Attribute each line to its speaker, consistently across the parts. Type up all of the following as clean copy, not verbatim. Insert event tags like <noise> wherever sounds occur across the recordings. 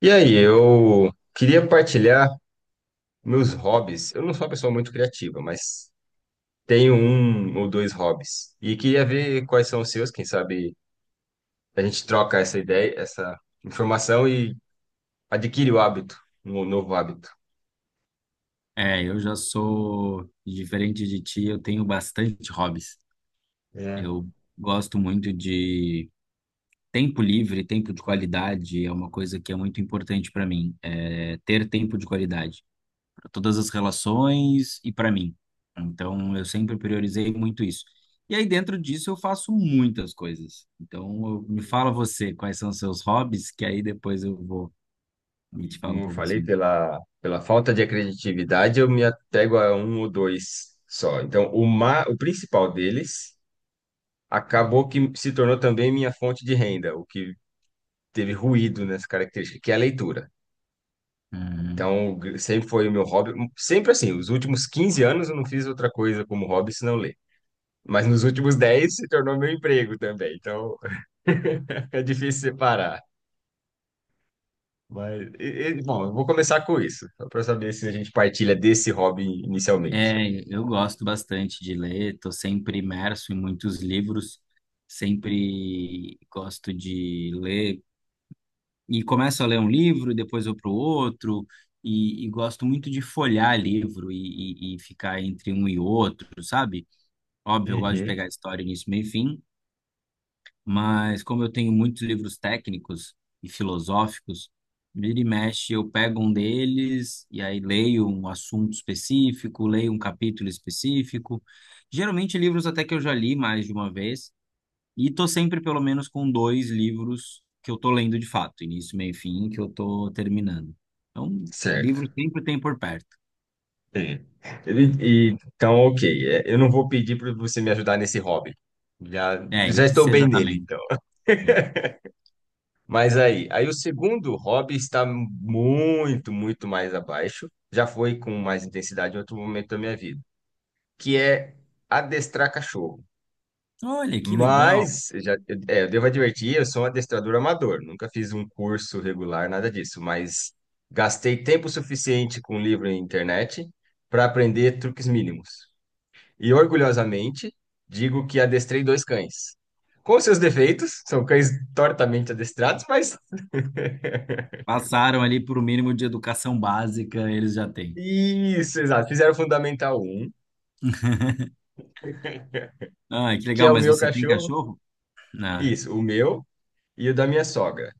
Speaker 1: E aí, eu queria partilhar meus hobbies. Eu não sou uma pessoa muito criativa, mas tenho um ou dois hobbies. E queria ver quais são os seus, quem sabe a gente troca essa ideia, essa informação e adquire o hábito, um novo hábito.
Speaker 2: É, eu já sou diferente de ti, eu tenho bastante hobbies.
Speaker 1: É.
Speaker 2: Eu gosto muito de tempo livre, tempo de qualidade, é uma coisa que é muito importante para mim, é ter tempo de qualidade para todas as relações e para mim. Então, eu sempre priorizei muito isso. E aí, dentro disso, eu faço muitas coisas. Então, me fala você, quais são os seus hobbies, que aí depois eu vou me
Speaker 1: E
Speaker 2: te falo
Speaker 1: como
Speaker 2: um
Speaker 1: eu
Speaker 2: pouco dos
Speaker 1: falei, pela falta de criatividade, eu me apego a um ou dois só. Então, o principal deles acabou que se tornou também minha fonte de renda, o que teve ruído nessa característica, que é a leitura.
Speaker 2: meus.
Speaker 1: Então, sempre foi o meu hobby. Sempre assim, os últimos 15 anos eu não fiz outra coisa como hobby senão ler. Mas nos últimos 10 se tornou meu emprego também. Então, <laughs> é difícil separar. Mas, bom, eu vou começar com isso, só para saber se a gente partilha desse hobby inicialmente.
Speaker 2: É, eu gosto bastante de ler, estou sempre imerso em muitos livros, sempre gosto de ler e começo a ler um livro, depois vou para o outro, e gosto muito de folhear livro e ficar entre um e outro, sabe? Óbvio, eu gosto de
Speaker 1: Uhum.
Speaker 2: pegar a história início, meio e fim, mas como eu tenho muitos livros técnicos e filosóficos, vira e mexe, eu pego um deles e aí leio um assunto específico, leio um capítulo específico. Geralmente livros até que eu já li mais de uma vez, e tô sempre pelo menos com dois livros que eu tô lendo de fato, início, meio e fim, que eu tô terminando. Então,
Speaker 1: Certo.
Speaker 2: livro sempre tem por perto.
Speaker 1: É. E- então, ok. Eu não vou pedir para você me ajudar nesse hobby. Já,
Speaker 2: É,
Speaker 1: já
Speaker 2: esse
Speaker 1: estou
Speaker 2: você
Speaker 1: bem
Speaker 2: já tá
Speaker 1: nele,
Speaker 2: bem,
Speaker 1: então.
Speaker 2: né?
Speaker 1: Mas aí o segundo hobby está muito, muito mais abaixo. Já foi com mais intensidade em outro momento da minha vida, que é adestrar cachorro.
Speaker 2: Olha, que legal.
Speaker 1: Mas já, eu devo advertir, eu sou um adestrador amador, nunca fiz um curso regular, nada disso, mas gastei tempo suficiente com livro e internet para aprender truques mínimos. E orgulhosamente digo que adestrei dois cães. Com seus defeitos, são cães tortamente adestrados, mas.
Speaker 2: Passaram ali por um mínimo de educação básica, eles já têm.
Speaker 1: Isso, exato. Fizeram o Fundamental um,
Speaker 2: Ah, que
Speaker 1: que é
Speaker 2: legal,
Speaker 1: o
Speaker 2: mas
Speaker 1: meu
Speaker 2: você tem
Speaker 1: cachorro.
Speaker 2: cachorro? Ah,
Speaker 1: Isso, o meu e o da minha sogra.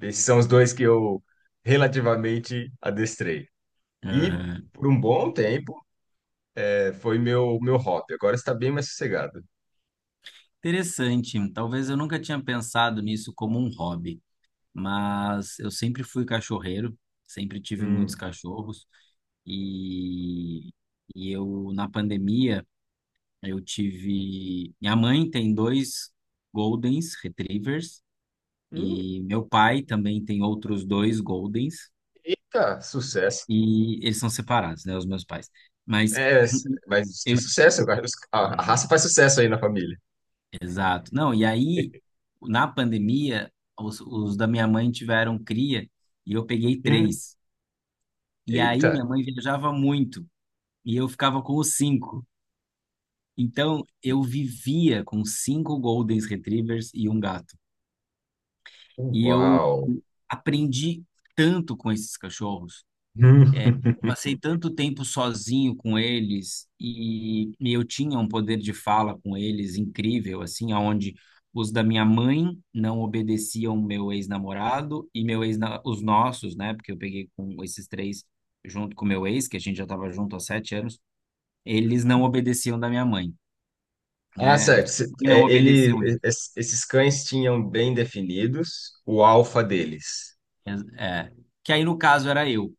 Speaker 1: Esses são os dois que eu relativamente adestrei. E
Speaker 2: aham.
Speaker 1: por um bom tempo foi meu hobby. Agora está bem mais sossegado.
Speaker 2: Interessante. Talvez eu nunca tinha pensado nisso como um hobby, mas eu sempre fui cachorreiro, sempre tive muitos
Speaker 1: Hum.
Speaker 2: cachorros e, e eu na pandemia eu tive. Minha mãe tem dois Goldens Retrievers
Speaker 1: Hum.
Speaker 2: e meu pai também tem outros dois Goldens
Speaker 1: Eita, sucesso.
Speaker 2: e eles são separados, né, os meus pais. Mas
Speaker 1: É,
Speaker 2: <clears throat>
Speaker 1: mas que sucesso, cara. A
Speaker 2: eu
Speaker 1: raça faz sucesso aí na família.
Speaker 2: Exato. Não, e aí,
Speaker 1: <laughs>
Speaker 2: na pandemia, os da minha mãe tiveram cria e eu peguei
Speaker 1: Hum.
Speaker 2: três. E aí,
Speaker 1: Eita.
Speaker 2: minha mãe viajava muito e eu ficava com os cinco. Então, eu vivia com cinco Golden Retrievers e um gato. E eu
Speaker 1: Uau.
Speaker 2: aprendi tanto com esses cachorros. É,
Speaker 1: Hum. <laughs>
Speaker 2: passei tanto tempo sozinho com eles e eu tinha um poder de fala com eles incrível, assim, aonde os da minha mãe não obedeciam meu ex-namorado e meu ex, os nossos, né? Porque eu peguei com esses três junto com meu ex, que a gente já estava junto há 7 anos, eles não obedeciam da minha mãe,
Speaker 1: Ah,
Speaker 2: né? Os
Speaker 1: certo.
Speaker 2: da minha mãe não obedeciam.
Speaker 1: Esses cães tinham bem definidos o alfa deles.
Speaker 2: É, que aí no caso era eu,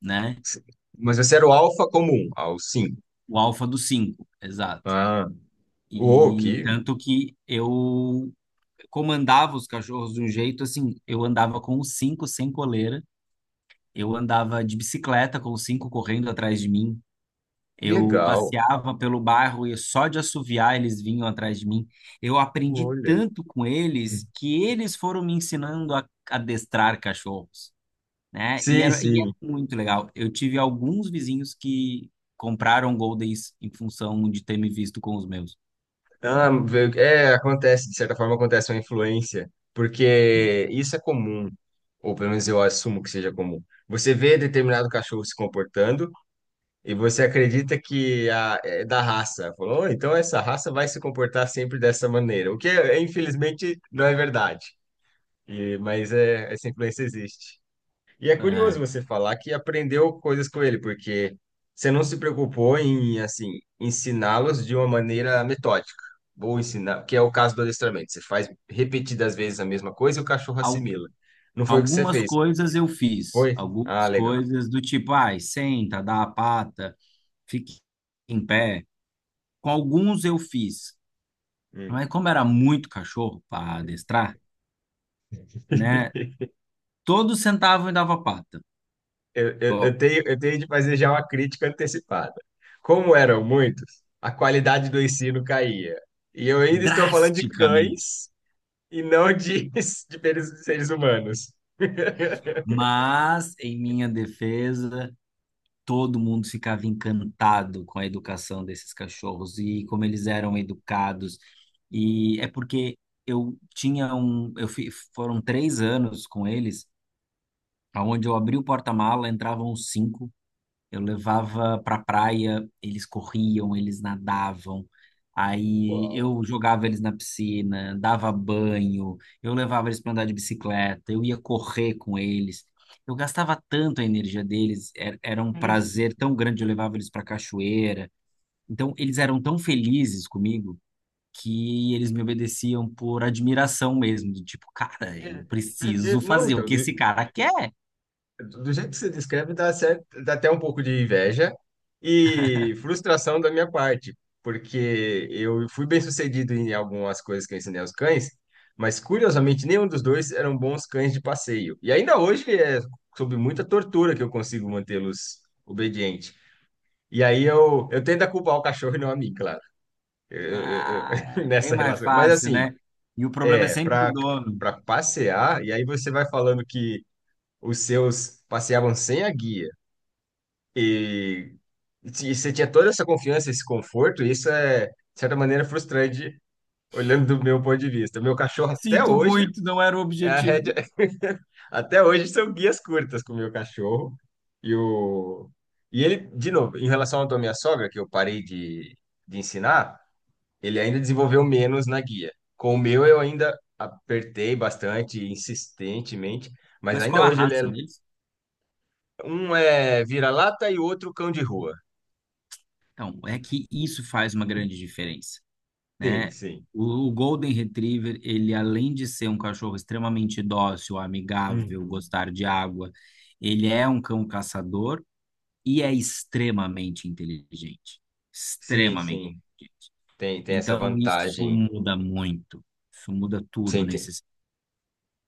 Speaker 2: né?
Speaker 1: Se- Mas esse era o alfa comum, o cinco.
Speaker 2: O alfa dos cinco, exato.
Speaker 1: Ah, uou,
Speaker 2: E
Speaker 1: que
Speaker 2: tanto que eu comandava os cachorros de um jeito assim, eu andava com os cinco sem coleira, eu andava de bicicleta com os cinco correndo atrás de mim, eu
Speaker 1: legal.
Speaker 2: passeava pelo bairro e só de assoviar eles vinham atrás de mim. Eu aprendi
Speaker 1: Olha.
Speaker 2: tanto com eles que eles foram me ensinando a adestrar cachorros, né?
Speaker 1: Sim,
Speaker 2: E era
Speaker 1: sim.
Speaker 2: muito legal. Eu tive alguns vizinhos que compraram Goldens em função de ter me visto com os meus.
Speaker 1: Ah, acontece, de certa forma acontece uma influência, porque isso é comum, ou pelo menos eu assumo que seja comum. Você vê determinado cachorro se comportando, e você acredita que é da raça? Falou, "Oh, então essa raça vai se comportar sempre dessa maneira." O que, infelizmente, não é verdade. E, mas essa influência existe. E é
Speaker 2: É,
Speaker 1: curioso você falar que aprendeu coisas com ele, porque você não se preocupou em, assim, ensiná-los de uma maneira metódica. Vou ensinar, que é o caso do adestramento. Você faz repetidas vezes a mesma coisa e o cachorro assimila. Não foi o que você
Speaker 2: algumas
Speaker 1: fez,
Speaker 2: coisas eu fiz,
Speaker 1: foi? Ah,
Speaker 2: algumas
Speaker 1: legal.
Speaker 2: coisas do tipo, ai, senta, dá a pata, fique em pé. Com alguns eu fiz,
Speaker 1: Hum.
Speaker 2: mas como era muito cachorro para adestrar, né?
Speaker 1: <laughs>
Speaker 2: Todos sentavam e dava pata,
Speaker 1: Eu, eu,
Speaker 2: ó,
Speaker 1: eu tenho, eu tenho de fazer já uma crítica antecipada. Como eram muitos, a qualidade do ensino caía. E eu ainda estou falando de
Speaker 2: drasticamente.
Speaker 1: cães e não de, <laughs> de seres humanos. <laughs>
Speaker 2: Mas, em minha defesa, todo mundo ficava encantado com a educação desses cachorros e como eles eram educados. E é porque eu tinha um, eu fi, foram 3 anos com eles, aonde eu abri o porta-mala, entravam cinco, eu levava pra praia, eles corriam, eles nadavam. Aí
Speaker 1: Uau.
Speaker 2: eu jogava eles na piscina, dava banho, eu levava eles para andar de bicicleta, eu ia correr com eles. Eu gastava tanto a energia deles, era, era um prazer tão grande, eu levava eles para cachoeira. Então eles eram tão felizes comigo que eles me obedeciam por admiração mesmo, do tipo, cara,
Speaker 1: É,
Speaker 2: eu
Speaker 1: é, é,
Speaker 2: preciso
Speaker 1: não,
Speaker 2: fazer o
Speaker 1: então,
Speaker 2: que esse cara quer.
Speaker 1: do jeito que você descreve, dá certo, dá até um pouco de inveja e frustração da minha parte, porque eu fui bem sucedido em algumas coisas que eu ensinei aos cães, mas curiosamente nenhum dos dois eram bons cães de passeio. E ainda hoje é sob muita tortura que eu consigo mantê-los obedientes. E aí eu tento a culpar o cachorro e não a mim, claro, eu
Speaker 2: Ah,
Speaker 1: <laughs>
Speaker 2: é bem
Speaker 1: nessa
Speaker 2: mais
Speaker 1: relação. Mas
Speaker 2: fácil,
Speaker 1: assim,
Speaker 2: né? E o problema é sempre do
Speaker 1: para
Speaker 2: dono.
Speaker 1: passear, e aí você vai falando que os seus passeavam sem a guia. E, se você tinha toda essa confiança, esse conforto, isso é, de certa maneira, frustrante, olhando do meu ponto de vista. Meu cachorro, até
Speaker 2: Sinto
Speaker 1: hoje,
Speaker 2: muito, não era o
Speaker 1: é a
Speaker 2: objetivo.
Speaker 1: rédea. <laughs> Até hoje são guias curtas com o meu cachorro. E, o... e ele, de novo, em relação à tua minha sogra, que eu parei de ensinar, ele ainda desenvolveu menos na guia. Com o meu, eu ainda apertei bastante, insistentemente, mas
Speaker 2: Mas
Speaker 1: ainda
Speaker 2: qual a
Speaker 1: hoje ele é.
Speaker 2: raça deles?
Speaker 1: Um é vira-lata e o outro cão de rua.
Speaker 2: Então, é que isso faz uma grande diferença,
Speaker 1: Sim,
Speaker 2: né?
Speaker 1: sim.
Speaker 2: O Golden Retriever, ele além de ser um cachorro extremamente dócil, amigável,
Speaker 1: Uhum.
Speaker 2: gostar de água, ele é um cão caçador e é extremamente inteligente.
Speaker 1: Sim,
Speaker 2: Extremamente.
Speaker 1: sim. Tem essa
Speaker 2: Então, isso
Speaker 1: vantagem.
Speaker 2: muda muito. Isso muda tudo
Speaker 1: Sim, tem,
Speaker 2: nesse.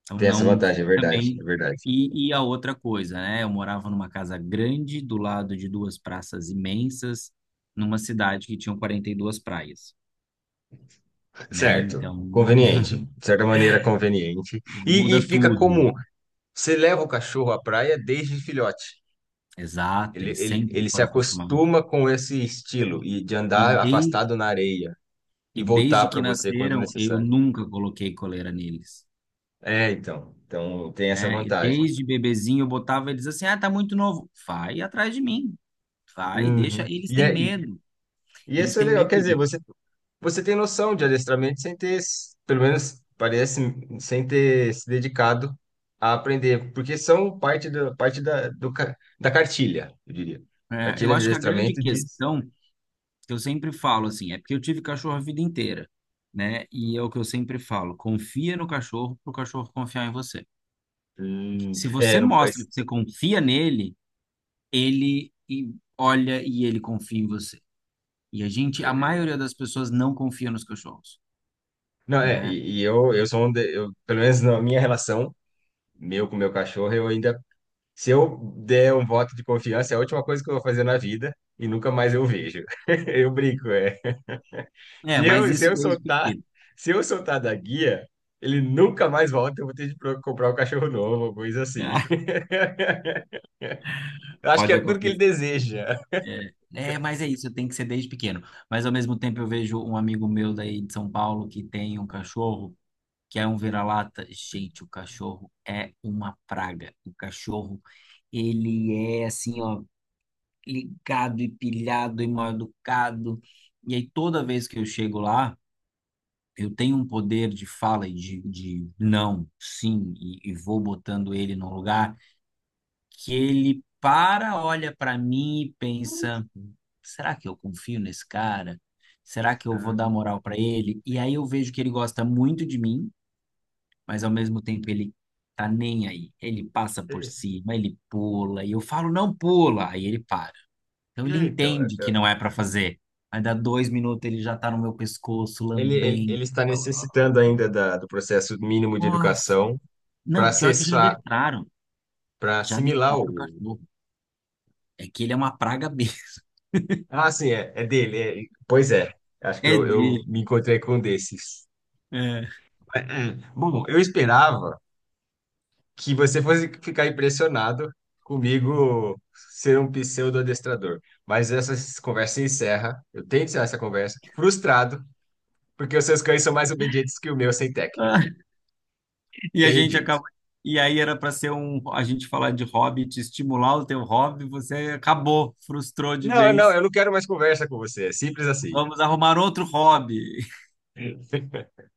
Speaker 2: Então
Speaker 1: tem essa
Speaker 2: não
Speaker 1: vantagem, é verdade, é
Speaker 2: também
Speaker 1: verdade.
Speaker 2: e a outra coisa, né? Eu morava numa casa grande do lado de duas praças imensas, numa cidade que tinha 42 praias, né?
Speaker 1: Certo.
Speaker 2: Então
Speaker 1: Conveniente. De certa maneira, conveniente.
Speaker 2: <laughs>
Speaker 1: E,
Speaker 2: muda
Speaker 1: e fica
Speaker 2: tudo.
Speaker 1: comum. Você leva o cachorro à praia desde filhote.
Speaker 2: Exato,
Speaker 1: Ele,
Speaker 2: eles
Speaker 1: ele,
Speaker 2: sempre
Speaker 1: ele se
Speaker 2: foram acostumados.
Speaker 1: acostuma com esse estilo e de
Speaker 2: E
Speaker 1: andar
Speaker 2: desde,
Speaker 1: afastado na areia e
Speaker 2: e
Speaker 1: voltar
Speaker 2: desde
Speaker 1: para
Speaker 2: que
Speaker 1: você quando
Speaker 2: nasceram, eu
Speaker 1: necessário.
Speaker 2: nunca coloquei coleira neles,
Speaker 1: É, então. Então, tem essa
Speaker 2: né? E
Speaker 1: vantagem.
Speaker 2: desde bebezinho eu botava eles assim: "Ah, tá muito novo. Vai atrás de mim. Vai, deixa,
Speaker 1: Uhum.
Speaker 2: eles têm medo.
Speaker 1: E
Speaker 2: Eles
Speaker 1: isso é
Speaker 2: têm
Speaker 1: legal.
Speaker 2: medo
Speaker 1: Quer dizer,
Speaker 2: de
Speaker 1: você tem noção de adestramento sem ter, pelo menos parece, sem ter se dedicado a aprender, porque são parte da cartilha, eu diria.
Speaker 2: É, eu
Speaker 1: Cartilha de
Speaker 2: acho que a grande
Speaker 1: adestramento diz.
Speaker 2: questão que eu sempre falo assim, é porque eu tive cachorro a vida inteira, né? E é o que eu sempre falo, confia no cachorro para o cachorro confiar em você. Se você
Speaker 1: Não,
Speaker 2: mostra
Speaker 1: mas-
Speaker 2: que você confia nele, olha e ele confia em você. E a gente, a
Speaker 1: é,
Speaker 2: maioria das pessoas não confia nos cachorros,
Speaker 1: não,
Speaker 2: né?
Speaker 1: eu sou um, eu, pelo menos na minha relação, meu com meu cachorro, eu ainda, se eu der um voto de confiança, é a última coisa que eu vou fazer na vida e nunca mais eu vejo. <laughs> Eu brinco, é.
Speaker 2: É,
Speaker 1: Se
Speaker 2: mas
Speaker 1: eu, se
Speaker 2: isso
Speaker 1: eu
Speaker 2: desde
Speaker 1: soltar,
Speaker 2: pequeno.
Speaker 1: se eu soltar da guia, ele nunca mais volta, eu vou ter de comprar um cachorro novo, ou coisa
Speaker 2: <laughs>
Speaker 1: assim.
Speaker 2: Ah,
Speaker 1: <laughs> Eu acho que é
Speaker 2: pode
Speaker 1: tudo que ele
Speaker 2: acontecer.
Speaker 1: deseja.
Speaker 2: É, é, mas é isso, tem que ser desde pequeno. Mas ao mesmo tempo eu vejo um amigo meu daí de São Paulo que tem um cachorro que é um vira-lata. Gente, o cachorro é uma praga. O cachorro, ele é assim, ó, ligado e pilhado e mal educado. E aí, toda vez que eu chego lá, eu tenho um poder de fala e de não, sim, e vou botando ele no lugar, que ele para, olha para mim e pensa: será que eu confio nesse cara? Será que eu vou dar
Speaker 1: Ah,
Speaker 2: moral para ele? E aí eu vejo que ele gosta muito de mim, mas ao mesmo tempo ele tá nem aí. Ele passa por
Speaker 1: é,
Speaker 2: cima, ele pula, e eu falo, não pula, aí ele para. Então ele
Speaker 1: então,
Speaker 2: entende que não é pra fazer. Aí dá 2 minutos, ele já tá no meu pescoço,
Speaker 1: ele, ele,
Speaker 2: lambendo.
Speaker 1: ele está
Speaker 2: Falando,
Speaker 1: necessitando ainda da, do processo mínimo de
Speaker 2: nossa,
Speaker 1: educação para
Speaker 2: não, pior que já
Speaker 1: acessar,
Speaker 2: adestraram.
Speaker 1: para
Speaker 2: Já
Speaker 1: assimilar
Speaker 2: adestraram o
Speaker 1: o.
Speaker 2: cachorro. É que ele é uma praga B. <laughs>
Speaker 1: Ah, sim, é dele. Pois é, acho que
Speaker 2: É
Speaker 1: eu
Speaker 2: dele.
Speaker 1: me encontrei com um desses.
Speaker 2: É.
Speaker 1: É, é, bom, eu esperava que você fosse ficar impressionado comigo ser um pseudo-adestrador. Mas essa conversa se encerra. Eu tenho que encerrar essa conversa. Frustrado, porque os seus cães são mais obedientes que o meu sem técnica.
Speaker 2: Ah, e a
Speaker 1: Tenho
Speaker 2: gente
Speaker 1: dito.
Speaker 2: acaba. E aí era pra ser um. A gente falar de hobby, te estimular o teu hobby, você acabou, frustrou de
Speaker 1: Não, não,
Speaker 2: vez.
Speaker 1: eu não quero mais conversa com você. É simples assim.
Speaker 2: Vamos arrumar outro hobby.
Speaker 1: <laughs>